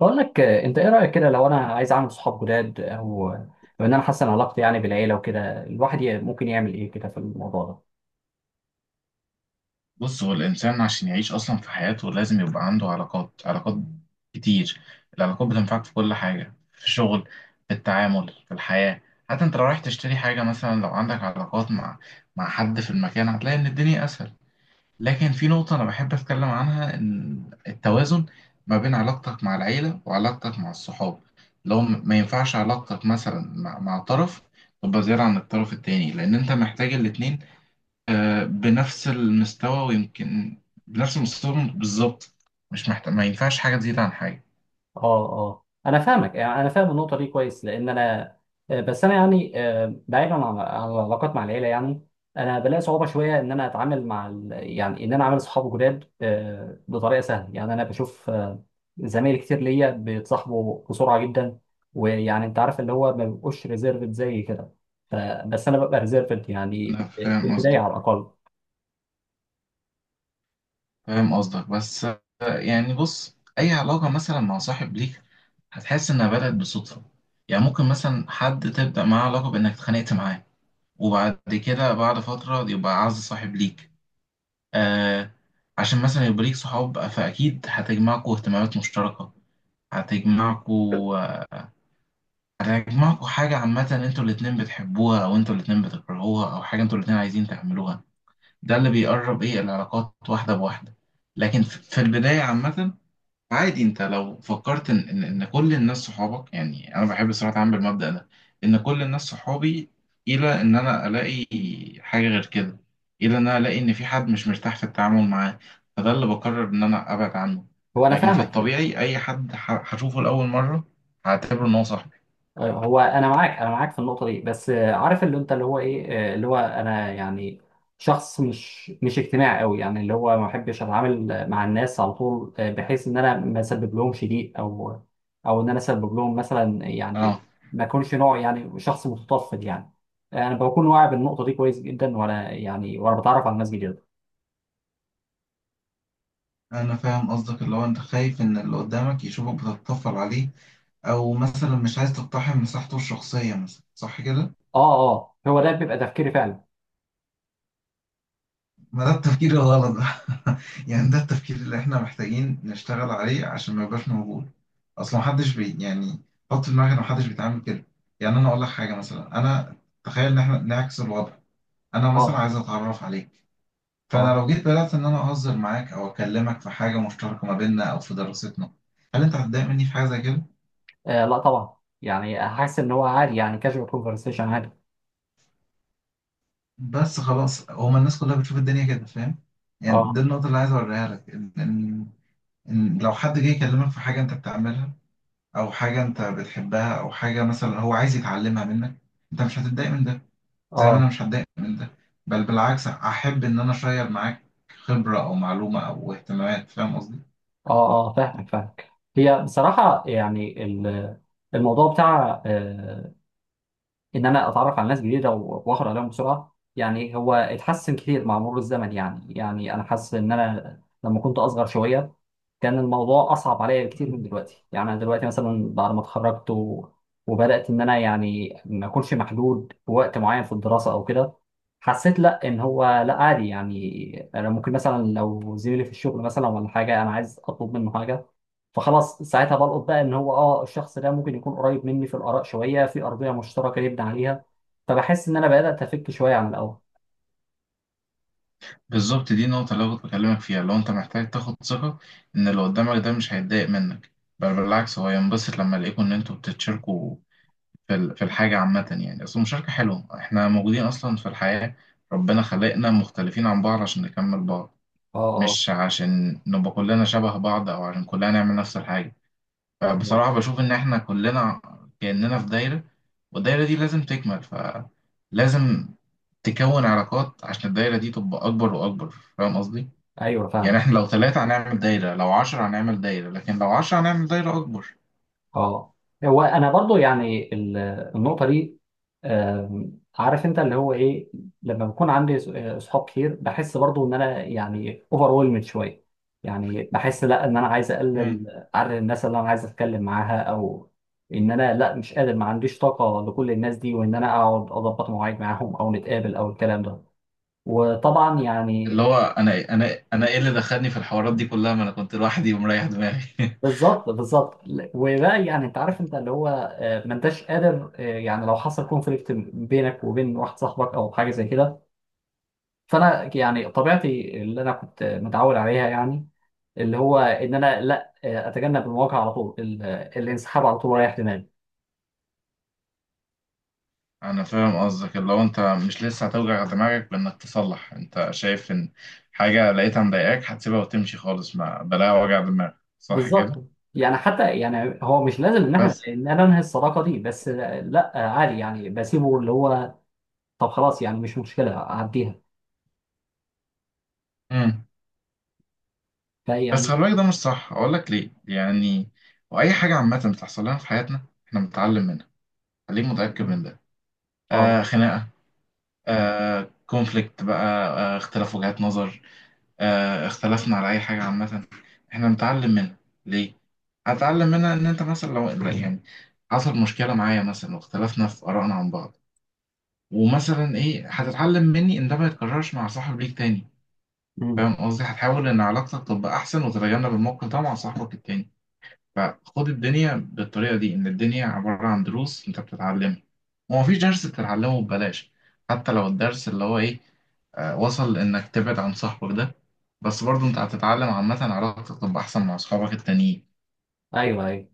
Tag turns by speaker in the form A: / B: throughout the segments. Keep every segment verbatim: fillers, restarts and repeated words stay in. A: بقول لك، آه، انت ايه رايك كده لو انا عايز اعمل صحاب جداد او آه، ان انا احسن علاقتي يعني بالعيله وكده، الواحد ي- ممكن يعمل ايه كده في الموضوع ده؟
B: بص، هو الإنسان عشان يعيش أصلا في حياته لازم يبقى عنده علاقات علاقات كتير. العلاقات بتنفعك في كل حاجة، في الشغل، في التعامل، في الحياة. حتى أنت لو رايح تشتري حاجة مثلا، لو عندك علاقات مع مع حد في المكان هتلاقي إن الدنيا أسهل. لكن في نقطة أنا بحب أتكلم عنها، إن التوازن ما بين علاقتك مع العيلة وعلاقتك مع الصحاب، لو م- ما ينفعش علاقتك مثلا مع, مع طرف تبقى زيادة عن الطرف التاني، لأن أنت محتاج الاتنين آه، بنفس المستوى، ويمكن بنفس المستوى بالظبط. مش محتاج، ما ينفعش حاجة تزيد عن حاجة.
A: اه، اه، انا فاهمك، يعني انا فاهم النقطه دي كويس، لان انا آه، بس انا يعني آه، بعيدا عن عن العلاقات مع العيله، يعني انا بلاقي صعوبه شويه ان انا اتعامل مع ال... يعني ان انا اعمل صحاب جداد آه، بطريقه سهله. يعني انا بشوف آه، زمايل كتير ليا بيتصاحبوا بسرعه جدا، ويعني انت عارف، اللي هو ما بيبقوش ريزيرفد زي كده. ف- بس انا ببقى ريزيرفد يعني
B: أنا
A: آه، في
B: فاهم
A: البدايه
B: قصدك،
A: على الاقل.
B: فاهم قصدك. بس آه، يعني بص، أي علاقة مثلا مع صاحب ليك هتحس إنها بدأت بالصدفة. يعني ممكن مثلا حد تبدأ معاه علاقة بإنك اتخانقت معاه، وبعد كده بعد فترة يبقى أعز صاحب ليك. آه. عشان مثلا يبقى ليك صحاب، فأكيد هتجمعكوا اهتمامات مشتركة، هتجمعكوا آه، أنا هيجمعكوا حاجة عامة، انتوا الاتنين بتحبوها، أو انتوا الاتنين بتكرهوها، أو حاجة انتوا الاتنين عايزين تعملوها. ده اللي بيقرب إيه العلاقات واحدة بواحدة. لكن في في البداية عامة، عادي. انت لو فكرت إن إن إن كل الناس صحابك، يعني أنا بحب الصراحة أعمل بالمبدأ ده، إن كل الناس صحابي، إلى إن أنا ألاقي حاجة غير كده، إلى إن أنا ألاقي إن في حد مش مرتاح في التعامل معاه، فده اللي بقرر إن أنا أبعد عنه.
A: هو انا
B: لكن في
A: فاهمك.
B: الطبيعي أي حد ه- هشوفه لأول مرة هعتبره إن هو صاحبي.
A: آه، هو انا معاك، انا معاك في النقطه دي، بس آه، عارف اللي انت اللي هو ايه. آه، اللي هو انا يعني شخص مش مش اجتماعي قوي، يعني اللي هو ما بحبش اتعامل مع الناس على طول، آه، بحيث ان انا ما اسبب لهمش ضيق، او او ان انا اسبب لهم مثلا
B: اه،
A: يعني ما اكونش نوع، يعني شخص متطفل يعني. آه، انا بكون واعي بالنقطه دي كويس جدا، وانا يعني وانا بتعرف على ناس جديده.
B: أنا فاهم قصدك، اللي هو أنت خايف إن اللي قدامك يشوفك بتتطفل عليه، أو مثلا مش عايز تقتحم مساحته الشخصية مثلا، صح كده؟
A: اه، اه، هو ده بيبقى تفكيري فعلا.
B: ما ده التفكير الغلط ده. يعني ده التفكير اللي إحنا محتاجين نشتغل عليه عشان ما يبقاش موجود. أصل محدش بي يعني حط في دماغك إن محدش بيتعامل كده. يعني أنا أقول لك حاجة، مثلا أنا تخيل إن إحنا نعكس الوضع، أنا مثلا
A: اه،
B: عايز أتعرف عليك، فأنا
A: اه،
B: لو جيت بدأت إن أنا أهزر معاك أو أكلمك في حاجة مشتركة ما بيننا أو في دراستنا، هل أنت هتضايق مني في حاجة زي كده؟
A: آه، لا طبعا، يعني حاسس ان هو عادي، يعني كاجوال كونفرسيشن عادي.
B: بس خلاص، هما الناس كلها بتشوف الدنيا كده، فاهم؟ يعني دي
A: اه،
B: النقطة اللي عايز أوريها لك، إن إن إن لو حد جه يكلمك في حاجة أنت بتعملها، أو حاجة أنت بتحبها، أو حاجة مثلا هو عايز يتعلمها منك، أنت مش هتتضايق من ده، زي ما أنا
A: اه،
B: مش هتضايق من ده. بل بالعكس، أحب إن أنا أشير معاك خبرة أو معلومة أو اهتمامات. فاهم قصدي؟
A: اه، اه، فاهمك فاهمك. هي بصراحة يعني ال- الموضوع بتاع آه، ان انا اتعرف على ناس جديدة و- واخد عليهم بسرعة، يعني هو اتحسن كتير مع مرور الزمن. يعني يعني انا حاسس ان انا لما كنت اصغر شوية كان الموضوع اصعب عليا بكتير من دلوقتي. يعني انا دلوقتي مثلا بعد ما اتخرجت و... وبدات ان انا، يعني ما اكونش محدود بوقت معين في الدراسه او كده، حسيت لا ان هو لا عادي. يعني انا ممكن مثلا لو زميلي في الشغل مثلا ولا حاجه انا عايز اطلب منه حاجه، فخلاص ساعتها بلقط بقى ان هو، اه الشخص ده ممكن يكون قريب مني في الاراء شويه، في ارضيه مشتركه نبني عليها. فبحس ان انا بدات افك شويه عن الاول.
B: بالظبط، دي النقطة اللي أنا كنت بكلمك فيها. لو أنت محتاج تاخد ثقة إن اللي قدامك ده مش هيتضايق منك، بل بالعكس هو ينبسط لما يلاقيكوا إن أنتوا بتتشاركوا في ال- في الحاجة عامة. يعني أصل المشاركة حلوة، إحنا موجودين أصلا في الحياة، ربنا خلقنا مختلفين عن بعض عشان نكمل بعض،
A: اه،
B: مش عشان نبقى كلنا شبه بعض، أو عشان كلنا نعمل نفس الحاجة.
A: اه، آه.
B: فبصراحة بشوف إن إحنا كلنا كأننا في دايرة، والدايرة دي لازم تكمل، فلازم تكون علاقات عشان الدايرة دي تبقى أكبر وأكبر. فاهم قصدي؟
A: ايوه،
B: يعني
A: فاهم.
B: إحنا لو ثلاثة هنعمل دايرة، لو عشرة هنعمل دايرة، لكن لو عشرة هنعمل دايرة أكبر.
A: اه، هو انا برضو يعني ال- النقطه دي، آم، عارف انت اللي هو ايه، لما بكون عندي ص- آه، صحاب كتير بحس برضو ان انا يعني اوفر ويلمد شويه. يعني بحس لا، ان انا عايز اقلل عدد الناس اللي انا عايز اتكلم معاها، او ان انا لا، مش قادر، ما عنديش طاقه لكل الناس دي، وان انا اقعد اضبط مواعيد معاهم او نتقابل او الكلام ده. وطبعا
B: اللي
A: يعني،
B: هو انا انا انا ايه اللي دخلني في الحوارات دي كلها، ما انا كنت لوحدي ومريح دماغي.
A: بالظبط بالظبط. وبقى يعني انت عارف، انت اللي هو آه، ما انتش قادر آه، يعني لو حصل كونفليكت بينك وبين واحد صاحبك او حاجه زي كده، فانا يعني طبيعتي اللي انا كنت متعود عليها، يعني اللي هو ان انا لا، آه، اتجنب المواجهه على طول، ال- آه، الانسحاب على طول رايح دماغي.
B: انا فاهم قصدك، اللي هو انت مش لسه هتوجع دماغك بانك تصلح. انت شايف ان حاجه لقيتها مضايقاك هتسيبها وتمشي خالص، ما بلاها وجع دماغ، صح كده؟
A: بالظبط، يعني حتى يعني هو مش لازم ان احنا
B: بس
A: ان انا انهي الصداقه دي، بس آه، لا، آه، عادي يعني بسيبه، اللي هو طب خلاص يعني مش مشكله اعديها،
B: امم بس
A: فيعني.
B: خلي بالك، ده مش صح، اقول لك ليه. يعني واي حاجه عامه بتحصل لنا في حياتنا احنا بنتعلم منها، خليك متاكد من ده. آه،
A: اه،
B: خناقه، آه كونفليكت بقى، آه اختلاف وجهات نظر، آه، اختلفنا على اي حاجه عامه، احنا نتعلم منها. ليه؟ هتعلم منها ان انت مثلا لو لا، يعني حصل مشكله معايا مثلا واختلفنا في ارائنا عن بعض، ومثلا ايه هتتعلم مني، ان ده ما يتكررش مع صاحب ليك تاني.
A: مم.
B: فاهم قصدي؟ هتحاول ان علاقتك تبقى احسن وتتجنب الموقف ده مع صاحبك التاني. فخد الدنيا بالطريقة دي، إن الدنيا عبارة عن دروس أنت بتتعلمها، ومفيش درس بتتعلمه ببلاش. حتى لو الدرس اللي هو إيه، آه، وصل إنك تبعد عن صاحبك ده، بس برضه أنت هتتعلم عامة علاقتك تبقى أحسن مع أصحابك التانيين.
A: ايوه، ايوه.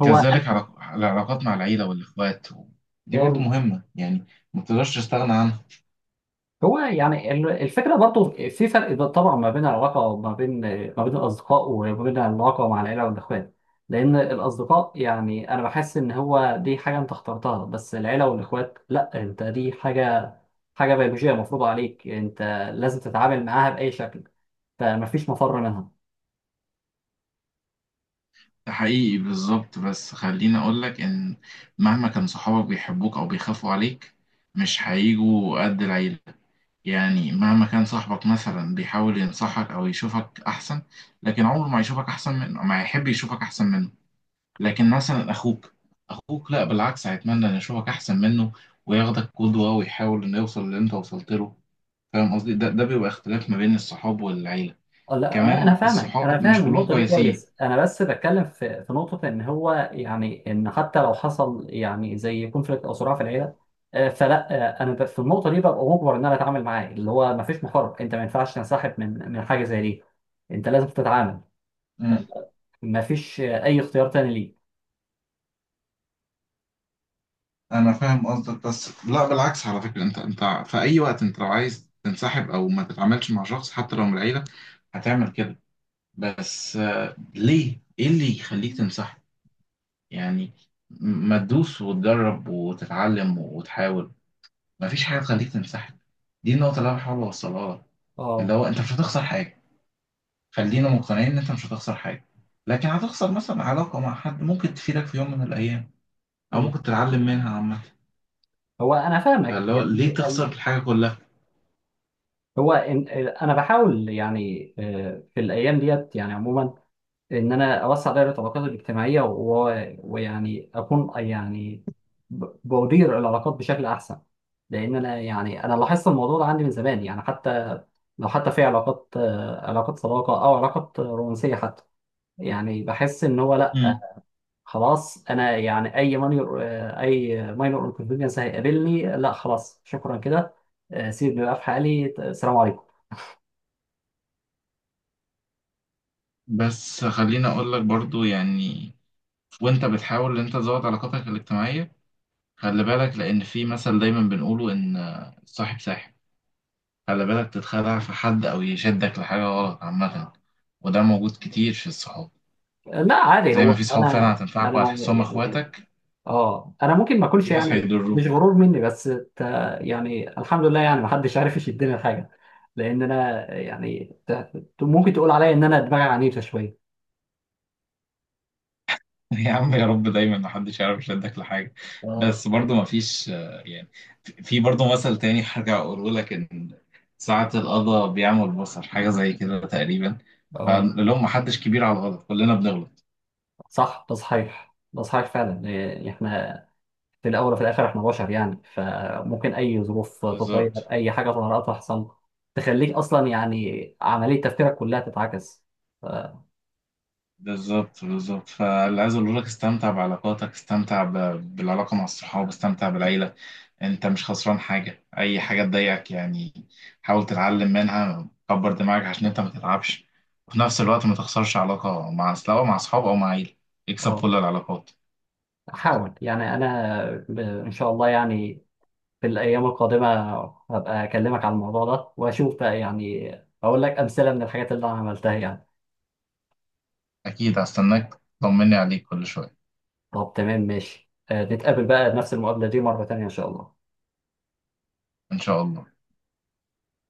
A: هو،
B: كذلك علاق- العلاقات مع العيلة والإخوات دي برضه مهمة، يعني ما تقدرش تستغنى عنها.
A: هو يعني ال- الفكرة برضو في فرق، ب- طبعا ما بين العلاقة، ما بين ما بين الأصدقاء، وما بين العلاقة مع العيلة والإخوان. لأن الأصدقاء يعني أنا بحس إن هو دي حاجة أنت اخترتها، بس العيلة والإخوات لأ، أنت دي حاجة حاجة بيولوجية مفروضة عليك، أنت لازم تتعامل معاها بأي شكل، فمفيش مفر منها.
B: ده حقيقي بالظبط، بس خليني أقولك إن مهما كان صحابك بيحبوك أو بيخافوا عليك، مش هيجوا قد العيلة. يعني مهما كان صاحبك مثلا بيحاول ينصحك او يشوفك احسن، لكن عمره ما يشوفك احسن منه، ما يحب يشوفك احسن منه. لكن مثلا اخوك، اخوك لا، بالعكس هيتمنى ان يشوفك احسن منه، وياخدك قدوة، ويحاول انه يوصل اللي انت وصلت له. فاهم قصدي؟ ده ده بيبقى اختلاف ما بين الصحاب والعيلة.
A: اه، لا، لا، انا
B: كمان
A: فاهمك، انا
B: الصحاب مش
A: فاهم
B: كلهم
A: النقطه دي
B: كويسين.
A: كويس، انا بس بتكلم في في نقطه، ان هو يعني، ان حتى لو حصل يعني زي كونفليكت او صراع في العيله، آه، فلا، آه، انا ب- في النقطه دي ببقى مجبر ان انا اتعامل معاه، اللي هو ما فيش محارب، انت ما ينفعش تنسحب من من حاجه زي دي، انت لازم تتعامل.
B: مم.
A: آه، ما فيش آه، اي اختيار تاني ليك.
B: انا فاهم قصدك، بس لا بالعكس، على فكرة انت، انت في اي وقت انت لو عايز تنسحب او ما تتعاملش مع شخص حتى لو من العيلة هتعمل كده. بس آه، ليه؟ ايه اللي يخليك تمسحه؟ يعني م- ما تدوس وتجرب وتتعلم وتحاول، مفيش حاجة تخليك تمسحه. دي النقطة اللي أنا بحاول أوصلها لك، اللي
A: اه،
B: هو أنت مش هتخسر حاجة. خلينا مقتنعين إن أنت مش هتخسر حاجة، لكن هتخسر مثلا علاقة مع حد ممكن تفيدك في يوم من الأيام، أو
A: مم.
B: ممكن تتعلم منها عامة.
A: هو انا فاهمك،
B: فاللي هو ليه
A: يعني
B: تخسر
A: ال-
B: الحاجة كلها؟
A: هو إن- انا بحاول يعني آه، في الايام ديت يعني عموما ان انا اوسع دائره العلاقات الاجتماعيه، و- ويعني اكون يعني ب- بدير العلاقات بشكل احسن، لان انا يعني انا لاحظت الموضوع ده عندي من زمان، يعني حتى لو حتى في علاقات، آه، علاقات صداقه او علاقات رومانسيه حتى، يعني بحس ان هو
B: مم.
A: لا، خلاص انا يعني اي مانيور آه، اي ماينور انكونفينينس هيقابلني، لا خلاص شكرا كده. آه، سيبني بقى في حالي. آه، السلام عليكم.
B: بس خليني أقول لك برضو، يعني وأنت بتحاول إن أنت تزود علاقاتك الاجتماعية، خلي بالك، لأن في مثل دايما بنقوله إن صاحب ساحب. خلي بالك تتخدع في حد أو يشدك لحاجة غلط عامة، وده موجود كتير في الصحاب.
A: لا عادي،
B: زي ما
A: هو
B: في صحاب فعلا
A: انا
B: هتنفعك
A: انا
B: وهتحسهم
A: يعني،
B: إخواتك،
A: اه انا ممكن ما
B: في
A: اكونش
B: ناس
A: يعني، مش
B: هيضروك.
A: غرور مني بس ت... يعني الحمد لله، يعني ما حدش عارف يشدني لحاجه، لان انا يعني ت... ت- ممكن تقول عليا ان انا دماغي عنيفه شويه.
B: يا عم يا رب دايما محدش يعرف يشدك لحاجة.
A: اه،
B: بس برضه مفيش آه، يعني في برضه مثل تاني هرجع أقوله لك، إن ساعة القضا بيعمل البصر، حاجة زي كده تقريبا.
A: اه،
B: فاللي هم محدش كبير على الغلط، كلنا بنغلط.
A: صح، ده صحيح، ده صحيح فعلا. إيه، احنا في الاول وفي الاخر احنا بشر، يعني ممكن اي ظروف تتغير،
B: بالظبط
A: اي حاجه طارئه تحصل تخليك اصلا يعني عمليه تفكيرك كلها تتعكس. ف-
B: بالظبط بالظبط فاللي عايز اقول لك، استمتع بعلاقاتك، استمتع ب- بالعلاقه مع الصحاب، استمتع بالعيله. انت مش خسران حاجه. اي حاجه تضايقك، يعني حاول تتعلم منها، كبر دماغك عشان انت ما تتعبش، وفي نفس الوقت ما تخسرش علاقه مع، سواء مع اصحاب او مع عيله. اكسب
A: اه،
B: كل العلاقات.
A: حاول يعني، انا ب- ان شاء الله يعني في الأيام القادمة هبقى أكلمك على الموضوع ده، وأشوف بقى يعني، أقول لك أمثلة من الحاجات اللي أنا عملتها يعني.
B: اكيد هستناك، طمني عليك كل شويه.
A: طب تمام ماشي، آه، نتقابل بقى نفس المقابلة دي مرة تانية إن شاء الله.
B: ان شاء الله.